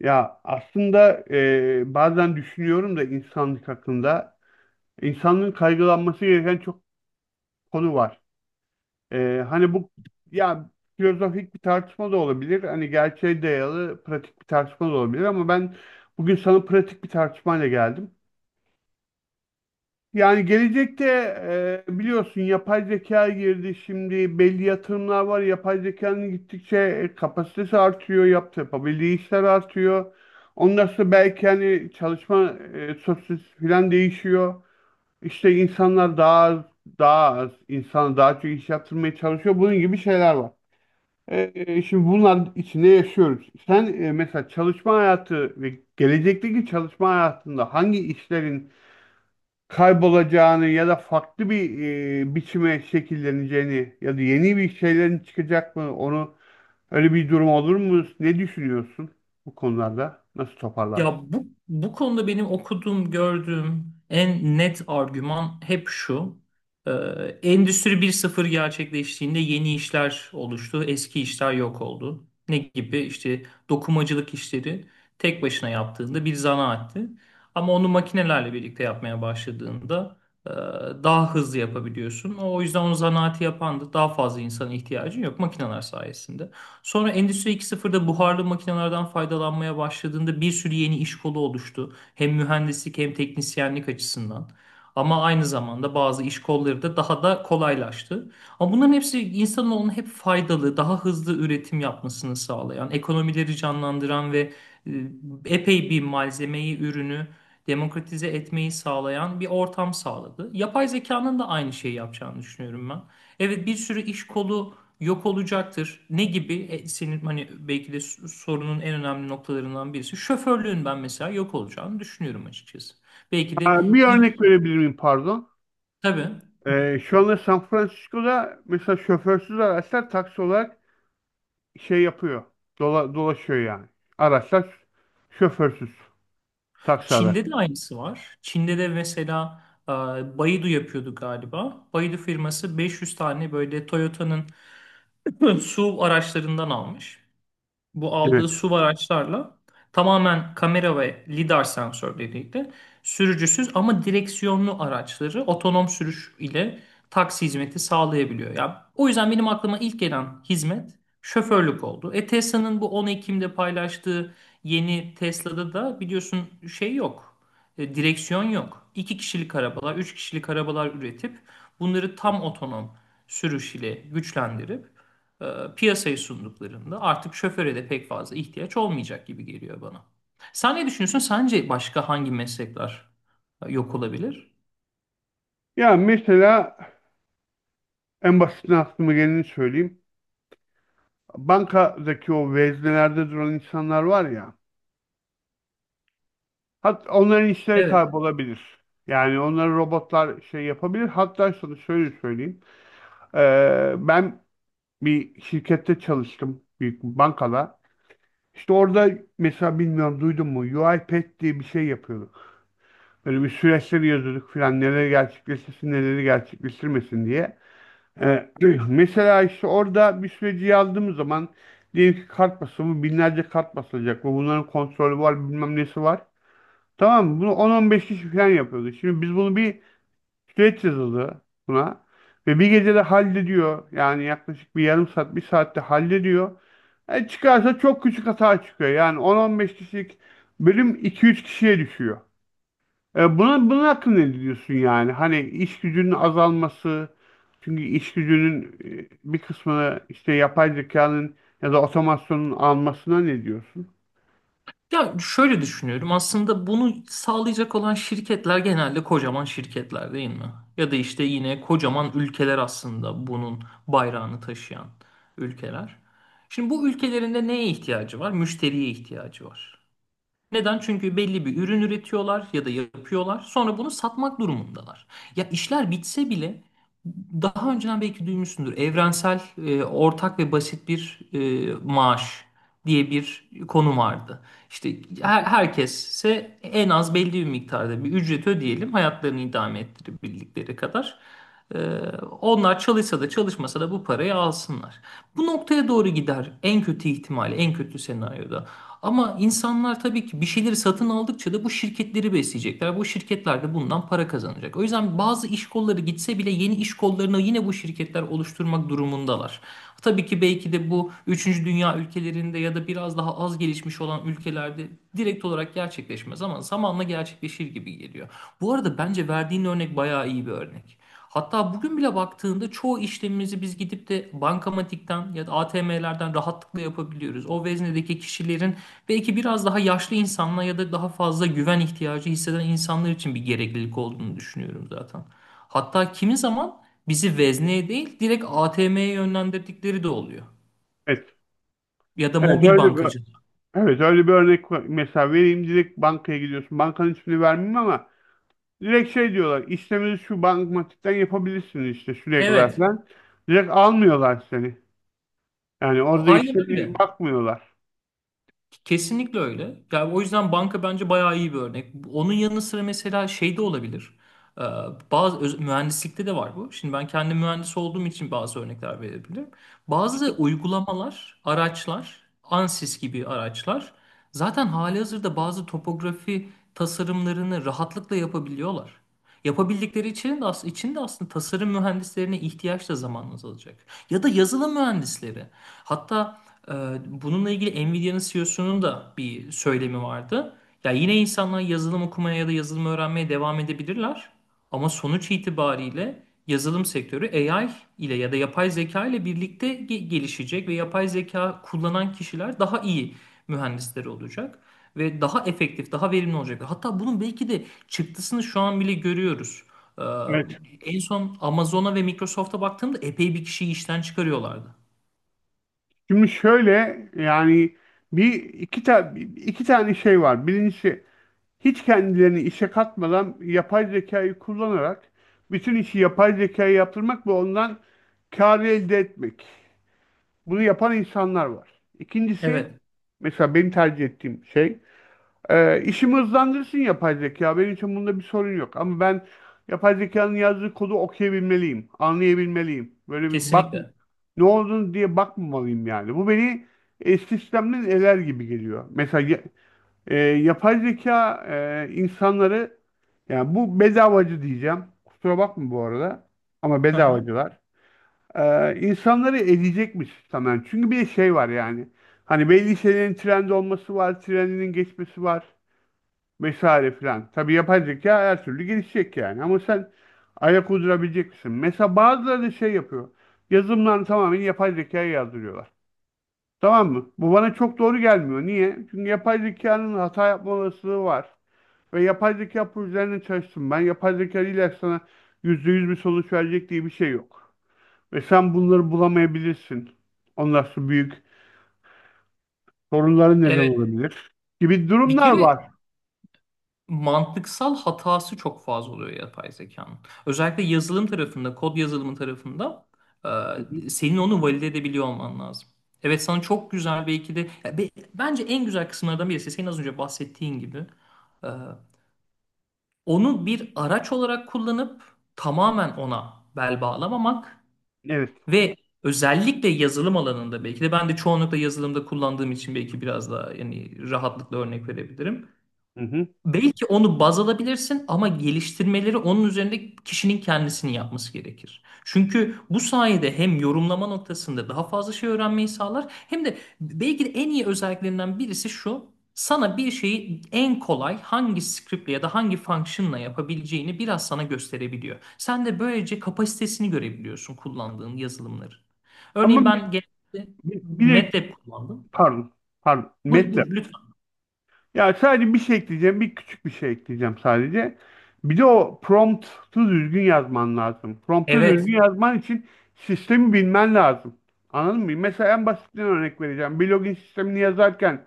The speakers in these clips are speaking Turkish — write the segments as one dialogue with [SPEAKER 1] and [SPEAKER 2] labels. [SPEAKER 1] Ya aslında bazen düşünüyorum da insanlık hakkında insanlığın kaygılanması gereken çok konu var. Hani bu ya filozofik bir tartışma da olabilir. Hani gerçeğe dayalı pratik bir tartışma da olabilir ama ben bugün sana pratik bir tartışmayla geldim. Yani gelecekte biliyorsun yapay zeka girdi. Şimdi belli yatırımlar var. Yapay zekanın gittikçe kapasitesi artıyor. Yapabildiği işler artıyor. Ondan sonra belki hani çalışma sosyolojisi falan değişiyor. İşte insanlar insana daha çok iş yaptırmaya çalışıyor. Bunun gibi şeyler var. Şimdi bunlar içinde yaşıyoruz. Sen mesela çalışma hayatı ve gelecekteki çalışma hayatında hangi işlerin kaybolacağını ya da farklı bir biçime şekilleneceğini ya da yeni bir şeylerin çıkacak mı onu öyle bir durum olur mu? Ne düşünüyorsun bu konularda? Nasıl
[SPEAKER 2] Ya
[SPEAKER 1] toparlarsın?
[SPEAKER 2] bu konuda benim okuduğum, gördüğüm en net argüman hep şu. Ee, Endüstri 1.0 gerçekleştiğinde yeni işler oluştu, eski işler yok oldu. Ne gibi? İşte dokumacılık işleri tek başına yaptığında bir zanaatti. Ama onu makinelerle birlikte yapmaya başladığında e, daha hızlı yapabiliyorsun. O yüzden onu zanaati yapan da daha fazla insana ihtiyacın yok makineler sayesinde. Sonra Endüstri iki nokta sıfırda buharlı makinelerden faydalanmaya başladığında bir sürü yeni iş kolu oluştu. Hem mühendislik hem teknisyenlik açısından. Ama aynı zamanda bazı iş kolları da daha da kolaylaştı. Ama bunların hepsi insanoğlunun hep faydalı, daha hızlı üretim yapmasını sağlayan, ekonomileri canlandıran ve e, epey bir malzemeyi, ürünü demokratize etmeyi sağlayan bir ortam sağladı. Yapay zekanın da aynı şeyi yapacağını düşünüyorum ben. Evet, bir sürü iş kolu yok olacaktır. Ne gibi? Senin hani belki de sorunun en önemli noktalarından birisi. Şoförlüğün ben mesela yok olacağını düşünüyorum açıkçası. Belki de
[SPEAKER 1] Ha, bir örnek
[SPEAKER 2] ilk.
[SPEAKER 1] verebilir miyim pardon?
[SPEAKER 2] Tabii.
[SPEAKER 1] Şu anda San Francisco'da mesela şoförsüz araçlar taksi olarak şey yapıyor. Dolaşıyor yani. Araçlar şoförsüz. Taksi
[SPEAKER 2] Çin'de de
[SPEAKER 1] araçları.
[SPEAKER 2] aynısı var. Çin'de de mesela Baidu yapıyordu galiba. Baidu firması 500 tane böyle Toyota'nın SUV araçlarından almış. Bu
[SPEAKER 1] Evet.
[SPEAKER 2] aldığı SUV araçlarla tamamen kamera ve lidar sensörleriyle sürücüsüz ama direksiyonlu araçları otonom sürüş ile taksi hizmeti sağlayabiliyor. Ya o yüzden benim aklıma ilk gelen hizmet şoförlük oldu. Tesla'nın bu 10 Ekim'de paylaştığı yeni Tesla'da da biliyorsun şey yok. Direksiyon yok. İki kişilik arabalar, 3 kişilik arabalar üretip bunları tam otonom sürüş ile güçlendirip e, piyasaya sunduklarında artık şoföre de pek fazla ihtiyaç olmayacak gibi geliyor bana. Sen ne düşünüyorsun? Sence başka hangi meslekler yok olabilir?
[SPEAKER 1] Ya mesela en basitinden aklıma geleni söyleyeyim. Bankadaki o veznelerde duran insanlar var ya. Onların işleri
[SPEAKER 2] Evet.
[SPEAKER 1] kaybolabilir. Yani onları robotlar şey yapabilir. Hatta sana şöyle söyleyeyim. Ben bir şirkette çalıştım. Büyük bir bankada. İşte orada mesela bilmiyorum duydun mu UiPath diye bir şey yapıyorduk. Böyle bir süreçleri yazıyorduk filan neleri gerçekleştirsin neleri gerçekleştirmesin diye. E, mesela işte orada bir süreci yazdığımız zaman diyelim ki kart basımı binlerce kart basılacak ve bunların kontrolü var bilmem nesi var. Tamam mı? Bunu 10-15 kişi falan yapıyordu. Şimdi biz bunu bir süreç yazıldı buna ve bir gecede hallediyor. Yani yaklaşık bir yarım saat bir saatte hallediyor. Çıkarsa çok küçük hata çıkıyor. Yani 10-15 kişilik bölüm 2-3 kişiye düşüyor. Bunun hakkında ne diyorsun yani? Hani iş gücünün azalması, çünkü iş gücünün bir kısmını işte yapay zekanın ya da otomasyonun almasına ne diyorsun?
[SPEAKER 2] Ya şöyle düşünüyorum. Aslında bunu sağlayacak olan şirketler genelde kocaman şirketler değil mi? Ya da işte yine kocaman ülkeler aslında bunun bayrağını taşıyan ülkeler. Şimdi bu ülkelerinde neye ihtiyacı var? Müşteriye ihtiyacı var. Neden? Çünkü belli bir ürün üretiyorlar ya da yapıyorlar. Sonra bunu satmak durumundalar. Ya işler bitse bile daha önceden belki duymuşsundur. Evrensel, ortak ve basit bir maaş diye bir konu vardı. İşte herkese en az belli bir miktarda bir ücret ödeyelim hayatlarını idame ettirebildikleri kadar. E, Onlar çalışsa da çalışmasa da bu parayı alsınlar. Bu noktaya doğru gider en kötü ihtimalle, en kötü senaryoda. Ama insanlar tabii ki bir şeyleri satın aldıkça da bu şirketleri besleyecekler. Bu şirketler de bundan para kazanacak. O yüzden bazı iş kolları gitse bile yeni iş kollarını yine bu şirketler oluşturmak durumundalar. Tabii ki belki de bu üçüncü dünya ülkelerinde ya da biraz daha az gelişmiş olan ülkelerde direkt olarak gerçekleşmez ama zamanla gerçekleşir gibi geliyor. Bu arada bence verdiğin örnek bayağı iyi bir örnek. Hatta bugün bile baktığında çoğu işlemimizi biz gidip de bankamatikten ya da ATM'lerden rahatlıkla yapabiliyoruz. O veznedeki kişilerin belki biraz daha yaşlı insanlar ya da daha fazla güven ihtiyacı hisseden insanlar için bir gereklilik olduğunu düşünüyorum zaten. Hatta kimi zaman bizi vezneye değil direkt ATM'ye yönlendirdikleri de oluyor.
[SPEAKER 1] Evet.
[SPEAKER 2] Ya da
[SPEAKER 1] Evet
[SPEAKER 2] mobil
[SPEAKER 1] öyle bir
[SPEAKER 2] bankacılığa.
[SPEAKER 1] evet, öyle bir örnek var. Mesela vereyim, direkt bankaya gidiyorsun. Bankanın ismini vermeyeyim ama direkt şey diyorlar. İşlemini şu bankamatikten yapabilirsiniz işte şuraya kadar
[SPEAKER 2] Evet,
[SPEAKER 1] falan. Direkt almıyorlar seni. Yani orada
[SPEAKER 2] aynen
[SPEAKER 1] işlemine
[SPEAKER 2] öyle.
[SPEAKER 1] bakmıyorlar.
[SPEAKER 2] Kesinlikle öyle. Yani o yüzden banka bence bayağı iyi bir örnek. Onun yanı sıra mesela şey de olabilir. Ee, Bazı mühendislikte de var bu. Şimdi ben kendi mühendis olduğum için bazı örnekler verebilirim. Bazı uygulamalar, araçlar, Ansys gibi araçlar zaten halihazırda bazı topografi tasarımlarını rahatlıkla yapabiliyorlar. Yapabildikleri için de, için de aslında tasarım mühendislerine ihtiyaç da zamanla azalacak. Ya da yazılım mühendisleri. Hatta ee, bununla ilgili Nvidia'nın CEO'sunun da bir söylemi vardı. Ya yine insanlar yazılım okumaya ya da yazılım öğrenmeye devam edebilirler. Ama sonuç itibariyle yazılım sektörü AI ile ya da yapay zeka ile birlikte gelişecek ve yapay zeka kullanan kişiler daha iyi mühendisleri olacak ve daha efektif, daha verimli olacak. Hatta bunun belki de çıktısını şu an bile görüyoruz. Ee,
[SPEAKER 1] Evet.
[SPEAKER 2] En son Amazon'a ve Microsoft'a baktığımda epey bir kişiyi işten çıkarıyorlardı.
[SPEAKER 1] Şimdi şöyle yani bir iki ta iki tane şey var. Birincisi, hiç kendilerini işe katmadan yapay zekayı kullanarak bütün işi yapay zekaya yaptırmak ve ondan kar elde etmek. Bunu yapan insanlar var. İkincisi,
[SPEAKER 2] Evet,
[SPEAKER 1] mesela benim tercih ettiğim şey, işimi hızlandırsın yapay zeka. Benim için bunda bir sorun yok. Ama ben yapay zekanın yazdığı kodu okuyabilmeliyim, anlayabilmeliyim. Böyle bir bak
[SPEAKER 2] kesinlikle.
[SPEAKER 1] ne olduğunu diye bakmamalıyım yani. Bu beni sistemden eler gibi geliyor. Mesela yapay zeka insanları, yani bu bedavacı diyeceğim. Kusura bakma bu arada. Ama
[SPEAKER 2] Hı hı.
[SPEAKER 1] bedavacılar. E, insanları edecekmiş tamamen. Çünkü bir şey var yani. Hani belli şeylerin trend olması var, trendinin geçmesi var vesaire filan. Tabii yapay zeka her türlü gelişecek yani. Ama sen ayak uydurabilecek misin? Mesela bazıları da şey yapıyor. Yazılımlarını tamamen yapay zekaya yazdırıyorlar. Tamam mı? Bu bana çok doğru gelmiyor. Niye? Çünkü yapay zekanın hata yapma olasılığı var. Ve yapay zeka projelerine çalıştım. Ben yapay zeka ile sana %100 bir sonuç verecek diye bir şey yok. Ve sen bunları bulamayabilirsin. Ondan sonra büyük sorunların neden
[SPEAKER 2] Evet,
[SPEAKER 1] olabilir gibi
[SPEAKER 2] bir
[SPEAKER 1] durumlar
[SPEAKER 2] kere
[SPEAKER 1] var.
[SPEAKER 2] mantıksal hatası çok fazla oluyor yapay zekanın. Özellikle yazılım tarafında, kod yazılımı tarafında
[SPEAKER 1] Hı hı.
[SPEAKER 2] senin onu valide edebiliyor olman lazım. Evet, sana çok güzel belki de ya bence en güzel kısımlardan birisi senin az önce bahsettiğin gibi e, onu bir araç olarak kullanıp tamamen ona bel bağlamamak
[SPEAKER 1] Evet.
[SPEAKER 2] ve özellikle yazılım alanında belki de ben de çoğunlukla yazılımda kullandığım için belki biraz daha yani rahatlıkla örnek verebilirim.
[SPEAKER 1] Hı hı.
[SPEAKER 2] Belki onu baz alabilirsin ama geliştirmeleri onun üzerinde kişinin kendisinin yapması gerekir. Çünkü bu sayede hem yorumlama noktasında daha fazla şey öğrenmeyi sağlar hem de belki de en iyi özelliklerinden birisi şu. Sana bir şeyi en kolay hangi script'le ya da hangi function'la yapabileceğini biraz sana gösterebiliyor. Sen de böylece kapasitesini görebiliyorsun kullandığın yazılımların. Örneğin
[SPEAKER 1] Ama bir,
[SPEAKER 2] ben genelde
[SPEAKER 1] bir, bir de
[SPEAKER 2] MATLAB kullandım.
[SPEAKER 1] Pardon. Pardon.
[SPEAKER 2] Buyur,
[SPEAKER 1] Metle.
[SPEAKER 2] buyur lütfen.
[SPEAKER 1] Ya sadece bir şey ekleyeceğim. Bir küçük bir şey ekleyeceğim sadece. Bir de o promptu düzgün yazman lazım. Promptu
[SPEAKER 2] Evet,
[SPEAKER 1] düzgün yazman için sistemi bilmen lazım. Anladın mı? Mesela en basitinden örnek vereceğim. Bir login sistemini yazarken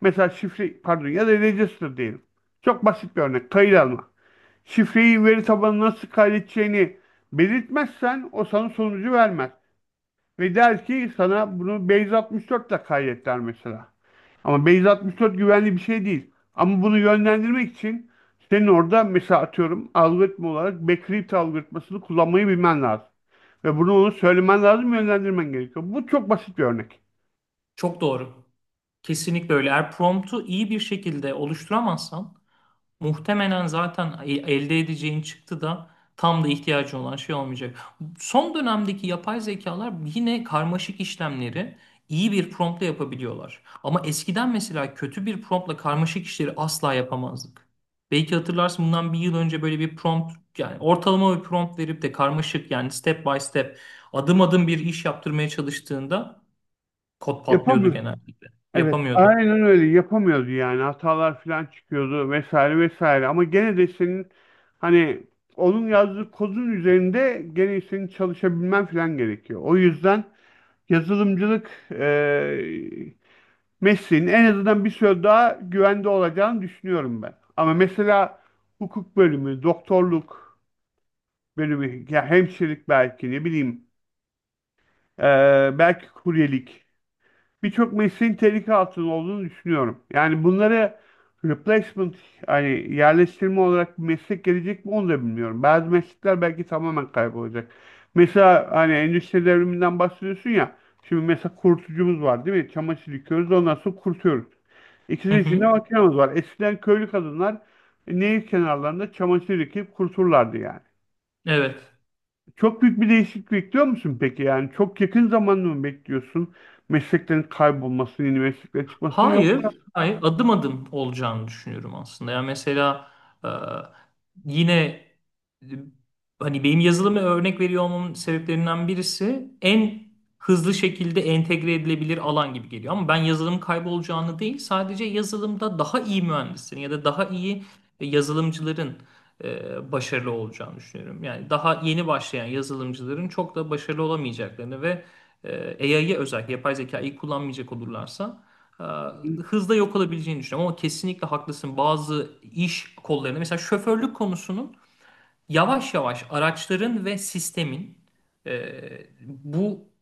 [SPEAKER 1] mesela şifre, pardon, ya da register diyelim. Çok basit bir örnek. Kayıt alma. Şifreyi veri tabanına nasıl kaydedeceğini belirtmezsen o sana sonucu vermez. Ve der ki sana, bunu Base 64 ile kaydet der mesela. Ama Base 64 güvenli bir şey değil. Ama bunu yönlendirmek için senin orada mesela atıyorum algoritma olarak backrift algoritmasını kullanmayı bilmen lazım. Ve bunu onu söylemen lazım, yönlendirmen gerekiyor. Bu çok basit bir örnek.
[SPEAKER 2] çok doğru. Kesinlikle öyle. Eğer promptu iyi bir şekilde oluşturamazsan muhtemelen zaten elde edeceğin çıktı da tam da ihtiyacın olan şey olmayacak. Son dönemdeki yapay zekalar yine karmaşık işlemleri iyi bir promptla yapabiliyorlar. Ama eskiden mesela kötü bir promptla karmaşık işleri asla yapamazdık. Belki hatırlarsın bundan bir yıl önce böyle bir prompt yani ortalama bir prompt verip de karmaşık yani step by step adım adım bir iş yaptırmaya çalıştığında kod patlıyordu
[SPEAKER 1] Yapamıyoruz.
[SPEAKER 2] genellikle.
[SPEAKER 1] Evet,
[SPEAKER 2] Yapamıyordu.
[SPEAKER 1] aynen öyle, yapamıyordu yani, hatalar falan çıkıyordu vesaire vesaire, ama gene de senin hani onun yazdığı kodun üzerinde gene senin çalışabilmen falan gerekiyor. O yüzden yazılımcılık Messi'nin en azından bir süre daha güvende olacağını düşünüyorum ben. Ama mesela hukuk bölümü, doktorluk bölümü, ya hemşirelik belki, ne bileyim, belki kuryelik, birçok mesleğin tehlike altında olduğunu düşünüyorum. Yani bunları replacement, hani yerleştirme olarak bir meslek gelecek mi onu da bilmiyorum. Bazı meslekler belki tamamen kaybolacak. Mesela hani endüstri devriminden bahsediyorsun ya. Şimdi mesela kurutucumuz var değil mi? Çamaşır yıkıyoruz ondan sonra kurutuyoruz.
[SPEAKER 2] Hı
[SPEAKER 1] İkisinin içinde
[SPEAKER 2] hı.
[SPEAKER 1] makinamız var. Eskiden köylü kadınlar nehir kenarlarında çamaşır yıkayıp kuruturlardı yani.
[SPEAKER 2] Evet.
[SPEAKER 1] Çok büyük bir değişiklik bekliyor musun peki? Yani çok yakın zamanda mı bekliyorsun mesleklerin kaybolmasını, yeni mesleklerin çıkmasını, yok?
[SPEAKER 2] Hayır, hayır adım adım olacağını düşünüyorum aslında. Yani mesela e, yine e, hani benim yazılımı örnek veriyor olmamın sebeplerinden birisi en hızlı şekilde entegre edilebilir alan gibi geliyor. Ama ben yazılım kaybolacağını değil, sadece yazılımda daha iyi mühendislerin ya da daha iyi yazılımcıların başarılı olacağını düşünüyorum. Yani daha yeni başlayan yazılımcıların çok da başarılı olamayacaklarını ve AI'yi özellikle yapay zekayı kullanmayacak olurlarsa Ha, hızla yok olabileceğini düşünüyorum ama kesinlikle haklısın. Bazı iş kollarında mesela şoförlük konusunun yavaş yavaş araçların ve sistemin e, bu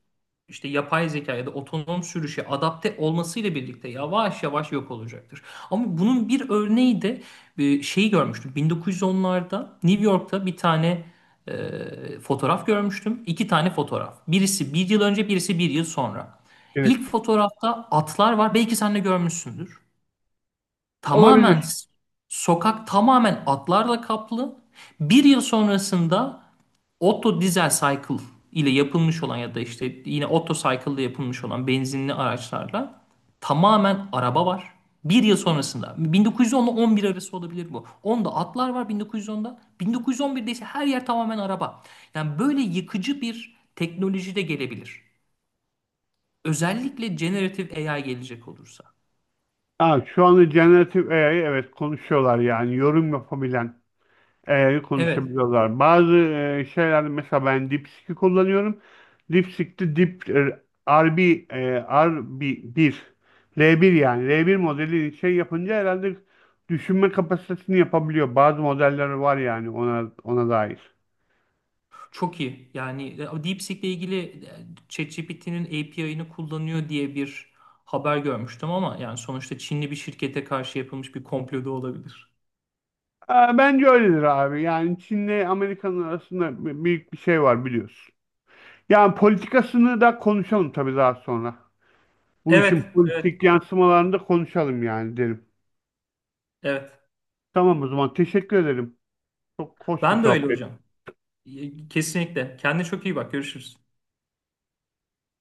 [SPEAKER 2] işte yapay zeka ya da otonom sürüşe adapte olmasıyla birlikte yavaş yavaş yok olacaktır. Ama bunun bir örneği de şeyi görmüştüm. 1910'larda New York'ta bir tane fotoğraf görmüştüm. İki tane fotoğraf. Birisi bir yıl önce, birisi bir yıl sonra.
[SPEAKER 1] Evet.
[SPEAKER 2] İlk fotoğrafta atlar var. Belki sen de görmüşsündür. Tamamen
[SPEAKER 1] Olabilir.
[SPEAKER 2] s- Sokak tamamen atlarla kaplı. Bir yıl sonrasında Otto Diesel Cycle ile yapılmış olan ya da işte yine Otto Cycle ile yapılmış olan benzinli araçlarla tamamen araba var. Bir yıl sonrasında 1910 ile 11 arası olabilir bu. Onda atlar var 1910'da. 1911'de ise her yer tamamen araba. Yani böyle yıkıcı bir teknoloji de gelebilir. Özellikle generative AI gelecek olursa.
[SPEAKER 1] Ha, şu anda generatif AI, evet, konuşuyorlar yani, yorum yapabilen
[SPEAKER 2] Evet.
[SPEAKER 1] konuşabiliyorlar. Bazı şeylerde mesela ben DeepSeek'i kullanıyorum. DeepSeek'te Deep RB e, rb bir L1, yani L1 modeli şey yapınca herhalde düşünme kapasitesini yapabiliyor. Bazı modeller var yani, ona dair.
[SPEAKER 2] Çok iyi. Yani DeepSeek ile ilgili ChatGPT'nin API'ını kullanıyor diye bir haber görmüştüm ama yani sonuçta Çinli bir şirkete karşı yapılmış bir komplo da olabilir.
[SPEAKER 1] Ee, Bence öyledir abi. Yani Çin'le Amerika'nın arasında büyük bir şey var biliyorsun. Yani politikasını da konuşalım tabii daha sonra. Bu
[SPEAKER 2] Evet,
[SPEAKER 1] işin
[SPEAKER 2] evet,
[SPEAKER 1] politik yansımalarını da konuşalım yani, derim.
[SPEAKER 2] evet.
[SPEAKER 1] Tamam o zaman, teşekkür ederim. Çok hoş bir
[SPEAKER 2] Ben de
[SPEAKER 1] şey
[SPEAKER 2] öyle hocam. Kesinlikle. Kendine çok iyi bak. Görüşürüz.